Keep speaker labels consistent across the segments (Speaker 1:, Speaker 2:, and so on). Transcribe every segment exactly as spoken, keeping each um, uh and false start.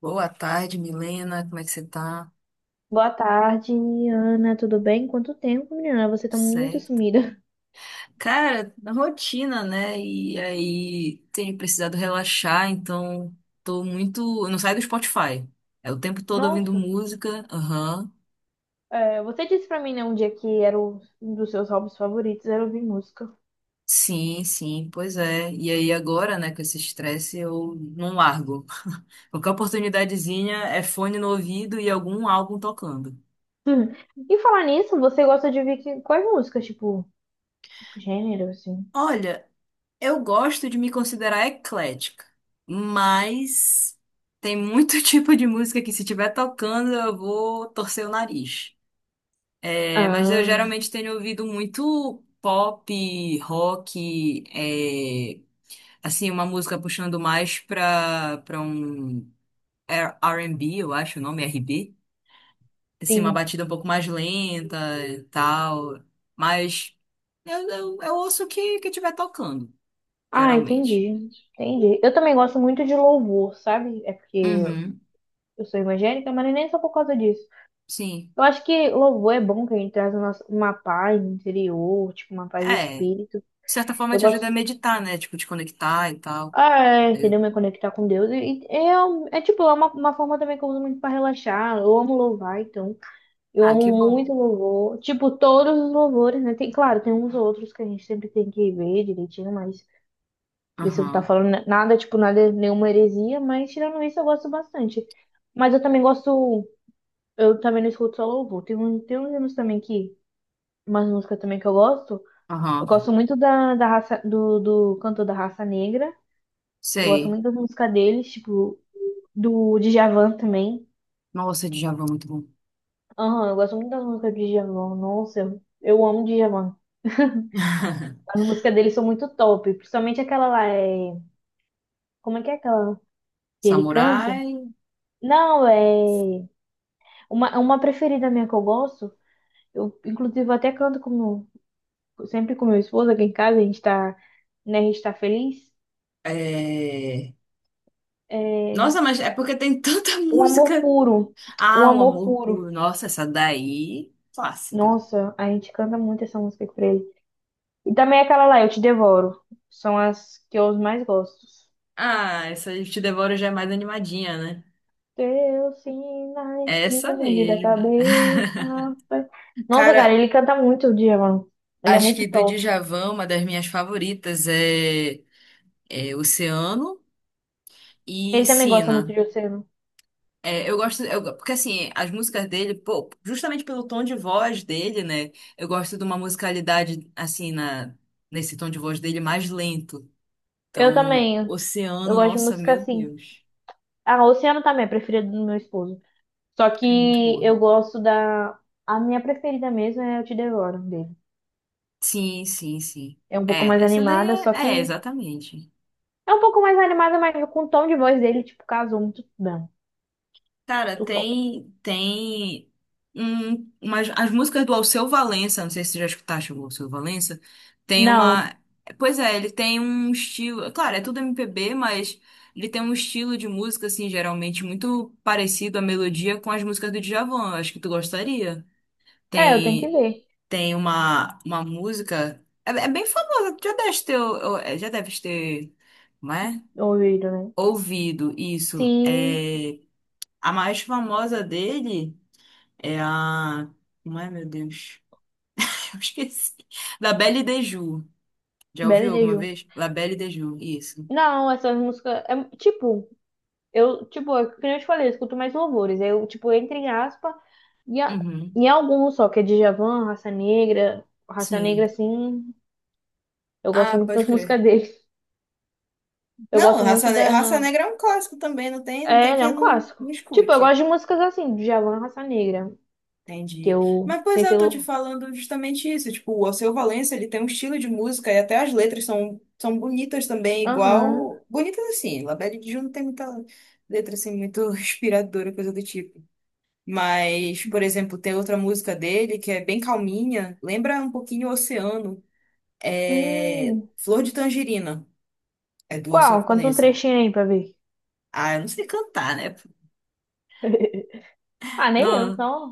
Speaker 1: Boa tarde, Milena. Como é que você tá?
Speaker 2: Boa tarde, Ana. Tudo bem? Quanto tempo, menina? Você
Speaker 1: Tudo
Speaker 2: tá muito
Speaker 1: certo.
Speaker 2: sumida.
Speaker 1: Cara, na rotina, né? E aí tenho precisado relaxar, então tô muito. Eu não saio do Spotify. É o tempo todo ouvindo
Speaker 2: Nossa,
Speaker 1: música. Aham.
Speaker 2: é, você disse pra mim, né, um dia que era o- um dos seus hobbies favoritos, era ouvir música.
Speaker 1: Sim, sim, pois é. E aí agora, né, com esse estresse, eu não largo. Qualquer oportunidadezinha é fone no ouvido e algum álbum tocando.
Speaker 2: E falar nisso, você gosta de ouvir que- quais músicas? Tipo, gênero, assim?
Speaker 1: Olha, eu gosto de me considerar eclética, mas tem muito tipo de música que se estiver tocando eu vou torcer o nariz. É, mas eu
Speaker 2: Ah,
Speaker 1: geralmente tenho ouvido muito pop, rock, é, assim, uma música puxando mais pra, pra um R B, eu acho o nome, R B. Assim, uma
Speaker 2: sim.
Speaker 1: batida um pouco mais lenta e tal. Mas eu, eu, eu ouço o que, que estiver tocando,
Speaker 2: Ah,
Speaker 1: geralmente.
Speaker 2: entendi. Entendi. Eu também gosto muito de louvor, sabe? É porque
Speaker 1: Uhum,
Speaker 2: eu sou evangélica, mas nem só por causa disso.
Speaker 1: sim.
Speaker 2: Eu acho que louvor é bom que a gente traz uma, uma paz interior, tipo, uma paz de
Speaker 1: É, de
Speaker 2: espírito.
Speaker 1: certa forma
Speaker 2: Eu
Speaker 1: te ajuda a
Speaker 2: gosto.
Speaker 1: meditar, né? Tipo, te conectar e tal.
Speaker 2: Ah, é, entendeu?
Speaker 1: Eu-
Speaker 2: Me conectar com Deus. E, e é, um- é tipo, é uma, uma forma também que eu uso muito pra relaxar. Eu amo louvar, então. Eu
Speaker 1: ah,
Speaker 2: amo
Speaker 1: que bom.
Speaker 2: muito louvor. Tipo, todos os louvores, né? Tem, claro, tem uns outros que a gente sempre tem que ver direitinho, mas ver se eu não tá
Speaker 1: Aham,
Speaker 2: falando na- nada, tipo, nada, nenhuma heresia, mas tirando isso, eu gosto bastante. Mas eu também gosto. Eu também não escuto só louvor. Tem, um, tem uns anos também que. Umas músicas também que eu gosto. Eu
Speaker 1: aham.
Speaker 2: gosto muito da, da raça, do, do cantor da raça negra. Eu gosto
Speaker 1: Sei.
Speaker 2: muito das músicas deles, tipo. Do Djavan também.
Speaker 1: Nossa, Djavan, muito bom.
Speaker 2: Aham, eu gosto muito das músicas do Djavan. Nossa, eu, eu amo Djavan. As músicas dele são muito top, principalmente aquela lá, é... Como é que é aquela que ele canta?
Speaker 1: Samurai.
Speaker 2: Não, é... Uma, uma preferida minha que eu gosto, eu inclusive eu até canto com meu- sempre com meu esposo aqui em casa, a gente tá, né, a gente tá feliz.
Speaker 1: É...
Speaker 2: É...
Speaker 1: Nossa, mas é porque tem tanta
Speaker 2: Um Amor
Speaker 1: música.
Speaker 2: Puro, Um
Speaker 1: Ah, o
Speaker 2: Amor
Speaker 1: amor
Speaker 2: Puro.
Speaker 1: puro. Nossa, essa daí. Clássica.
Speaker 2: Nossa, a gente canta muito essa música pra ele. E também é aquela lá, Eu Te Devoro. São as que eu mais gosto.
Speaker 1: Ah, essa Eu Te Devoro já é mais animadinha, né?
Speaker 2: Teus sinais me
Speaker 1: Essa
Speaker 2: confundem da
Speaker 1: mesmo.
Speaker 2: cabeça. Nossa, cara,
Speaker 1: Cara,
Speaker 2: ele canta muito o Djavan. Ele é
Speaker 1: acho
Speaker 2: muito
Speaker 1: que do
Speaker 2: top.
Speaker 1: Djavan, uma das minhas favoritas é, é Oceano. E
Speaker 2: Ele também gosta muito
Speaker 1: ensina.
Speaker 2: de Oceano.
Speaker 1: É, eu gosto, eu- porque assim, as músicas dele, pô, justamente pelo tom de voz dele, né? Eu gosto de uma musicalidade, assim, na, nesse tom de voz dele mais lento.
Speaker 2: Eu
Speaker 1: Então,
Speaker 2: também. Eu
Speaker 1: Oceano,
Speaker 2: gosto de
Speaker 1: nossa,
Speaker 2: música
Speaker 1: meu
Speaker 2: assim.
Speaker 1: Deus.
Speaker 2: Ah, Oceano também é preferida do meu esposo. Só
Speaker 1: É muito
Speaker 2: que
Speaker 1: boa.
Speaker 2: eu gosto da. A minha preferida mesmo é Eu Te Devoro, dele.
Speaker 1: Sim, sim, sim.
Speaker 2: É um pouco
Speaker 1: É,
Speaker 2: mais
Speaker 1: essa daí
Speaker 2: animada, só
Speaker 1: é, é,
Speaker 2: que.
Speaker 1: exatamente.
Speaker 2: É um pouco mais animada, mas com o tom de voz dele, tipo, casou muito bem.
Speaker 1: Cara,
Speaker 2: Muito top.
Speaker 1: tem, tem um, umas, as músicas do Alceu Valença, não sei se você já escutaste o Alceu Valença, tem
Speaker 2: Não.
Speaker 1: uma, pois é, ele tem um estilo, claro, é tudo M P B, mas ele tem um estilo de música, assim, geralmente muito parecido a melodia com as músicas do Djavan, eu acho que tu gostaria.
Speaker 2: É, eu tenho que
Speaker 1: Tem,
Speaker 2: ler.
Speaker 1: tem uma, uma música, é, é bem famosa, já deve ter, ou- é, já deve ter, não é?
Speaker 2: Ouvido, né?
Speaker 1: Ouvido, isso,
Speaker 2: Sim.
Speaker 1: é... A mais famosa dele. É a. Como é, meu Deus? Eu esqueci. La Belle de Jour. Já
Speaker 2: Belo
Speaker 1: ouviu
Speaker 2: e
Speaker 1: alguma vez? La Belle de Jour, isso.
Speaker 2: não, essas músicas. É, tipo, eu, tipo, é que nem eu te falei, eu escuto mais louvores. Eu, tipo, entre em aspa e a-
Speaker 1: Uhum.
Speaker 2: em alguns só, que é Djavan, Raça Negra. Raça Negra,
Speaker 1: Sim.
Speaker 2: assim, eu gosto
Speaker 1: Ah,
Speaker 2: muito
Speaker 1: pode
Speaker 2: das
Speaker 1: crer.
Speaker 2: músicas dele. Eu
Speaker 1: Não,
Speaker 2: gosto
Speaker 1: Raça,
Speaker 2: muito
Speaker 1: Ne- Raça
Speaker 2: da.
Speaker 1: Negra é um clássico também, não tem, não
Speaker 2: É,
Speaker 1: tem
Speaker 2: ele é
Speaker 1: quem
Speaker 2: um
Speaker 1: não,
Speaker 2: clássico.
Speaker 1: não
Speaker 2: Tipo, eu
Speaker 1: escute.
Speaker 2: gosto de músicas assim, Djavan, Raça Negra. Que
Speaker 1: Entendi.
Speaker 2: eu.
Speaker 1: Mas, pois
Speaker 2: Sem
Speaker 1: é,
Speaker 2: ser
Speaker 1: eu tô te
Speaker 2: louvor.
Speaker 1: falando justamente isso. Tipo, o Alceu Valença, ele tem um estilo de música e até as letras são, são bonitas também,
Speaker 2: Aham.
Speaker 1: igual... Bonitas assim, La Belle de Jour não tem muita letra assim, muito inspiradora, coisa do tipo. Mas, por exemplo, tem outra música dele que é bem calminha, lembra um pouquinho o Oceano. É
Speaker 2: Hum.
Speaker 1: Flor de Tangerina, é do Alceu
Speaker 2: Qual? Conta um
Speaker 1: Valença.
Speaker 2: trechinho aí pra ver.
Speaker 1: Ah, eu não sei cantar, né?
Speaker 2: Ah, nem eu,
Speaker 1: Não.
Speaker 2: só.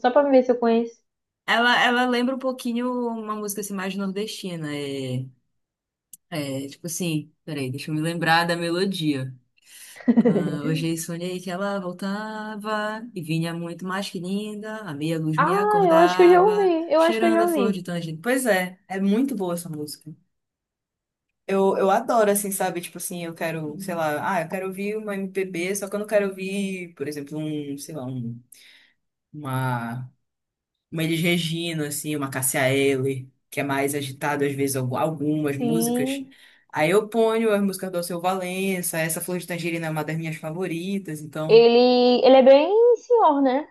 Speaker 2: Só pra ver se eu conheço.
Speaker 1: Ela, ela lembra um pouquinho uma música assim, mais nordestina. É, é, tipo assim, peraí, deixa eu me lembrar da melodia. Ah, hoje sonhei que ela voltava e vinha muito mais que linda. A meia luz me
Speaker 2: Ah, eu acho que eu já
Speaker 1: acordava,
Speaker 2: ouvi. Eu acho que eu
Speaker 1: cheirando
Speaker 2: já
Speaker 1: a flor
Speaker 2: ouvi.
Speaker 1: de tangerina. Pois é, é muito boa essa música. Eu, eu adoro, assim, sabe? Tipo assim, eu quero, sei lá, ah, eu quero ouvir uma M P B, só que eu não quero ouvir, por exemplo, um, sei lá, um, uma, uma Elis Regina, assim, uma Cássia Eller, que é mais agitado, às vezes, algu- algumas músicas.
Speaker 2: Sim,
Speaker 1: Aí eu ponho as músicas do Alceu Valença, essa Flor de Tangerina é uma das minhas favoritas, então.
Speaker 2: ele, ele é bem senhor, né?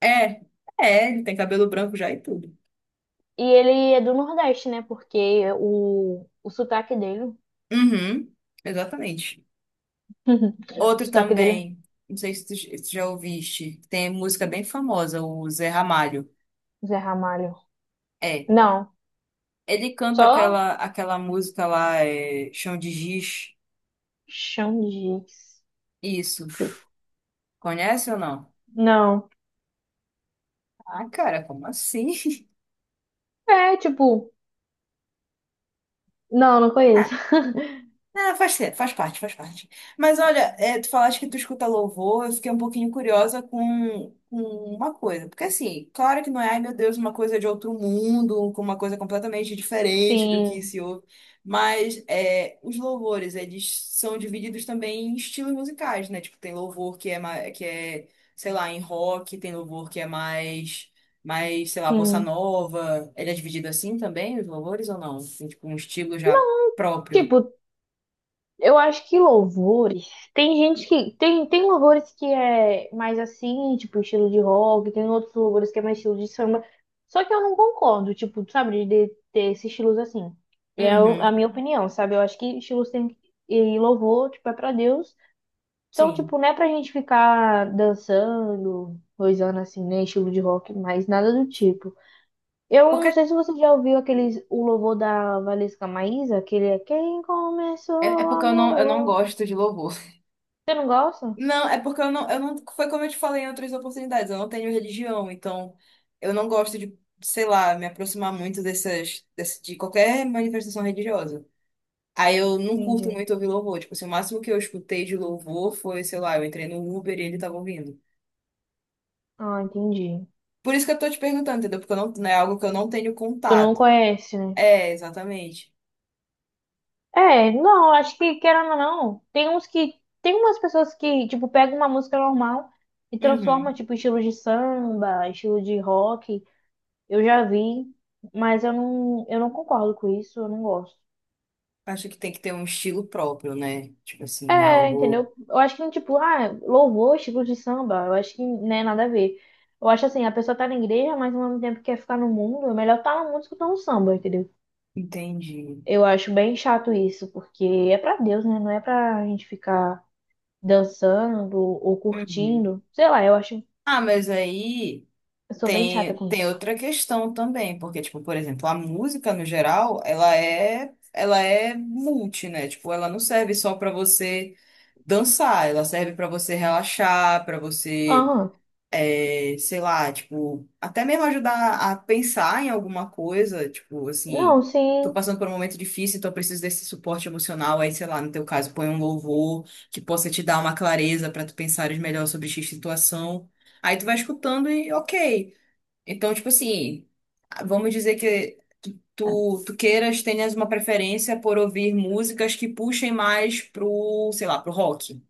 Speaker 1: É, é, ele tem cabelo branco já e tudo.
Speaker 2: E ele é do Nordeste, né? Porque o, o sotaque dele.
Speaker 1: Uhum, exatamente.
Speaker 2: O
Speaker 1: Outro
Speaker 2: sotaque dele
Speaker 1: também, não sei se tu, se tu já ouviste, tem música bem famosa, o Zé Ramalho.
Speaker 2: é Zé Ramalho.
Speaker 1: É,
Speaker 2: Não.
Speaker 1: ele canta
Speaker 2: Só
Speaker 1: aquela, aquela música lá, é, Chão de Giz.
Speaker 2: chão de jeito.
Speaker 1: Isso. Conhece ou não?
Speaker 2: Não.
Speaker 1: Ah, cara, como assim?
Speaker 2: É, tipo, não, não conheço.
Speaker 1: Ah, ah, faz, ser- faz parte, faz parte. Mas olha, é, tu falaste que tu escuta louvor, eu fiquei um pouquinho curiosa com, com uma coisa. Porque assim, claro que não é, ai meu Deus, uma coisa de outro mundo, com uma coisa completamente diferente do que
Speaker 2: Sim,
Speaker 1: se ouve. Mas é, os louvores, eles são divididos também em estilos musicais, né? Tipo, tem louvor que é, ma- que é, sei lá, em rock, tem louvor que é mais, mais, sei lá, bossa
Speaker 2: sim.
Speaker 1: nova. Ele é dividido assim também, os louvores, ou não? Tem tipo um estilo já próprio.
Speaker 2: Tipo, eu acho que louvores. Tem gente que. Tem, tem louvores que é mais assim, tipo, estilo de rock, tem outros louvores que é mais estilo de samba. Só que eu não concordo, tipo, sabe, de, de ter esses estilos assim. É o- a
Speaker 1: Uhum,
Speaker 2: minha opinião, sabe? Eu acho que estilos tem que. E louvor, tipo, é pra Deus. Então,
Speaker 1: sim.
Speaker 2: tipo, não é pra gente ficar dançando, coisando assim, né? Estilo de rock, mas nada do tipo. Eu não
Speaker 1: Porque
Speaker 2: sei se você já ouviu aqueles, o louvor da Valesca Maísa, aquele é Quem começou
Speaker 1: é, é
Speaker 2: o
Speaker 1: porque eu não, eu não
Speaker 2: amor.
Speaker 1: gosto de louvor.
Speaker 2: Você não gosta?
Speaker 1: Não, é porque eu não, eu não. Foi como eu te falei em outras oportunidades, eu não tenho religião, então eu não gosto de, sei lá, me aproximar muito dessas, desse- de qualquer manifestação religiosa. Aí eu não curto
Speaker 2: Entendi.
Speaker 1: muito ouvir louvor. Tipo, assim, o máximo que eu escutei de louvor foi, sei lá, eu entrei no Uber e ele tava ouvindo.
Speaker 2: Ah, entendi.
Speaker 1: Por isso que eu tô te perguntando, entendeu? Porque eu não, não é algo que eu não tenho
Speaker 2: Tu não
Speaker 1: contato.
Speaker 2: conhece, né?
Speaker 1: É, exatamente.
Speaker 2: É, não, eu acho que, querendo ou não, tem uns que. Tem umas pessoas que, tipo, pegam uma música normal e transforma,
Speaker 1: Uhum.
Speaker 2: tipo, estilo de samba, estilo de rock. Eu já vi, mas eu não, eu não concordo com isso, eu não gosto.
Speaker 1: Acho que tem que ter um estilo próprio, né? Tipo assim,
Speaker 2: É,
Speaker 1: algo.
Speaker 2: entendeu? Eu acho que, tipo, ah, louvor, estilo de samba, eu acho que não é nada a ver. Eu acho assim, a pessoa tá na igreja, mas ao mesmo tempo quer ficar no mundo, é melhor tá na música do tá samba, entendeu?
Speaker 1: Entendi.
Speaker 2: Eu acho bem chato isso, porque é pra Deus, né? Não é pra gente ficar dançando ou
Speaker 1: Uhum.
Speaker 2: curtindo. Sei lá, eu acho.
Speaker 1: Ah, mas aí
Speaker 2: Eu sou bem chata
Speaker 1: tem,
Speaker 2: com
Speaker 1: tem
Speaker 2: isso.
Speaker 1: outra questão também, porque, tipo, por exemplo, a música no geral, ela é, ela é multi, né? Tipo, ela não serve só pra você dançar, ela serve pra você relaxar, pra você
Speaker 2: Aham.
Speaker 1: é, sei lá, tipo, até mesmo ajudar a pensar em alguma coisa, tipo,
Speaker 2: Não,
Speaker 1: assim, tô
Speaker 2: sim.
Speaker 1: passando por um momento difícil, então eu preciso desse suporte emocional, aí, sei lá, no teu caso, põe um louvor que possa te dar uma clareza pra tu pensares melhor sobre X situação. Aí tu vai escutando e ok. Então, tipo assim, vamos dizer que tu, tu, tu queiras, tenhas uma preferência por ouvir músicas que puxem mais pro, sei lá, pro rock.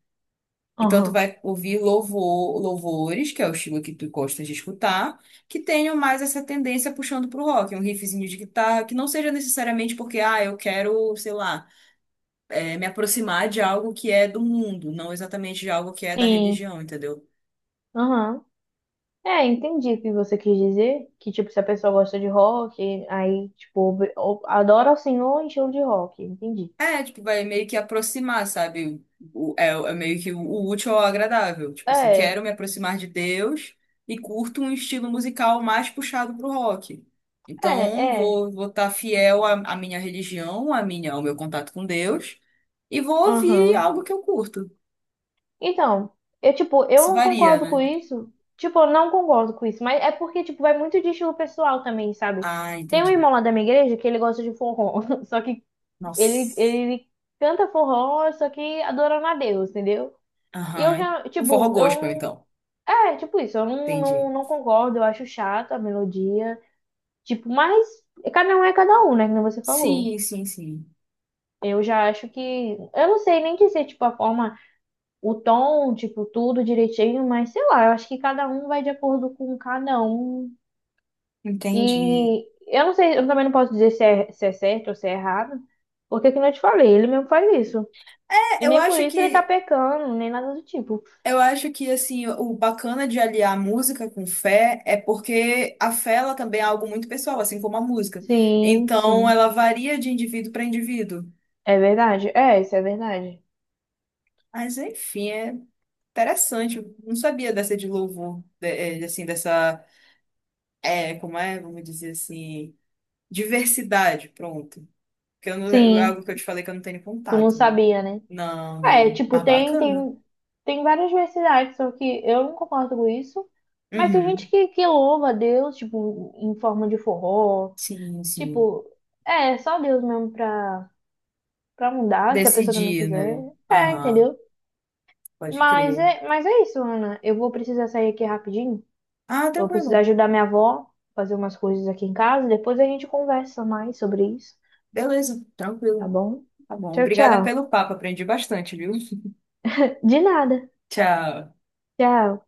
Speaker 1: Então, tu
Speaker 2: Aham.
Speaker 1: vai ouvir louvor, louvores, que é o estilo que tu gosta de escutar, que tenham mais essa tendência puxando pro rock, um riffzinho de guitarra, que não seja necessariamente porque, ah, eu quero, sei lá, eh, me aproximar de algo que é do mundo, não exatamente de algo que é da
Speaker 2: Sim.
Speaker 1: religião, entendeu?
Speaker 2: Aham. É, entendi o que você quis dizer. Que, tipo, se a pessoa gosta de rock, aí, tipo, ob- ob- adora assim, o senhor em estilo de rock. Entendi.
Speaker 1: É, tipo, vai meio que aproximar, sabe? O- é, é meio que o útil ao agradável. Tipo assim,
Speaker 2: É,
Speaker 1: quero me aproximar de Deus e curto um estilo musical mais puxado pro rock.
Speaker 2: é,
Speaker 1: Então,
Speaker 2: é.
Speaker 1: vou vou estar fiel à, à minha religião, à minha, ao meu contato com Deus e vou ouvir
Speaker 2: Aham.
Speaker 1: algo que eu curto.
Speaker 2: Então, eu, tipo, eu
Speaker 1: Isso
Speaker 2: não
Speaker 1: varia,
Speaker 2: concordo com
Speaker 1: né?
Speaker 2: isso. Tipo, eu não concordo com isso, mas é porque, tipo, vai muito de estilo pessoal também, sabe?
Speaker 1: Ah,
Speaker 2: Tem um
Speaker 1: entendi.
Speaker 2: irmão lá da minha igreja que ele gosta de forró, só que ele,
Speaker 1: Nossa.
Speaker 2: ele canta forró, só que adorando a Deus, entendeu? E eu
Speaker 1: Aham.
Speaker 2: já,
Speaker 1: Um forró
Speaker 2: tipo, eu
Speaker 1: gospel,
Speaker 2: não.
Speaker 1: então.
Speaker 2: É, tipo isso, eu não, não,
Speaker 1: Entendi.
Speaker 2: não concordo, eu acho chato a melodia. Tipo, mas cada um é cada um, né? Como você falou.
Speaker 1: Sim, sim, sim.
Speaker 2: Eu já acho que. Eu não sei nem dizer, tipo, a forma o tom, tipo, tudo direitinho, mas sei lá, eu acho que cada um vai de acordo com cada um.
Speaker 1: Entendi.
Speaker 2: E eu não sei, eu também não posso dizer se é, se é certo ou se é errado, porque que eu te falei, ele mesmo faz isso.
Speaker 1: É,
Speaker 2: E
Speaker 1: eu
Speaker 2: nem por
Speaker 1: acho
Speaker 2: isso ele tá
Speaker 1: que
Speaker 2: pecando, nem nada do tipo.
Speaker 1: eu acho que assim, o bacana de aliar música com fé é porque a fé ela também é algo muito pessoal, assim como a música.
Speaker 2: Sim,
Speaker 1: Então,
Speaker 2: sim.
Speaker 1: ela varia de indivíduo para indivíduo.
Speaker 2: É verdade. É, isso é verdade.
Speaker 1: Mas enfim, é interessante. Eu não sabia dessa de louvor, de- eh, assim, dessa, é, como é, vamos dizer assim, diversidade, pronto. Porque eu não, é
Speaker 2: Sim,
Speaker 1: algo que eu te falei que eu não tenho
Speaker 2: tu não
Speaker 1: contato, né?
Speaker 2: sabia, né?
Speaker 1: Não,
Speaker 2: É,
Speaker 1: não.
Speaker 2: tipo,
Speaker 1: Mas
Speaker 2: tem,
Speaker 1: bacana.
Speaker 2: tem, tem várias diversidades, só que eu não concordo com isso. Mas tem
Speaker 1: Uhum.
Speaker 2: gente que, que louva a Deus, tipo, em forma de forró.
Speaker 1: Sim, sim.
Speaker 2: Tipo, é é só Deus mesmo pra, pra mudar, se a pessoa também
Speaker 1: Decidir,
Speaker 2: quiser.
Speaker 1: né?
Speaker 2: É,
Speaker 1: Aham.
Speaker 2: entendeu?
Speaker 1: Pode
Speaker 2: Mas
Speaker 1: crer.
Speaker 2: é, mas é isso, Ana. Eu vou precisar sair aqui rapidinho.
Speaker 1: Ah,
Speaker 2: Eu vou precisar
Speaker 1: tranquilo.
Speaker 2: ajudar minha avó a fazer umas coisas aqui em casa. Depois a gente conversa mais sobre isso,
Speaker 1: Beleza,
Speaker 2: tá
Speaker 1: tranquilo.
Speaker 2: bom?
Speaker 1: Tá bom.
Speaker 2: Tchau,
Speaker 1: Obrigada
Speaker 2: tchau.
Speaker 1: pelo papo, aprendi bastante, viu?
Speaker 2: De nada.
Speaker 1: Tchau.
Speaker 2: Tchau.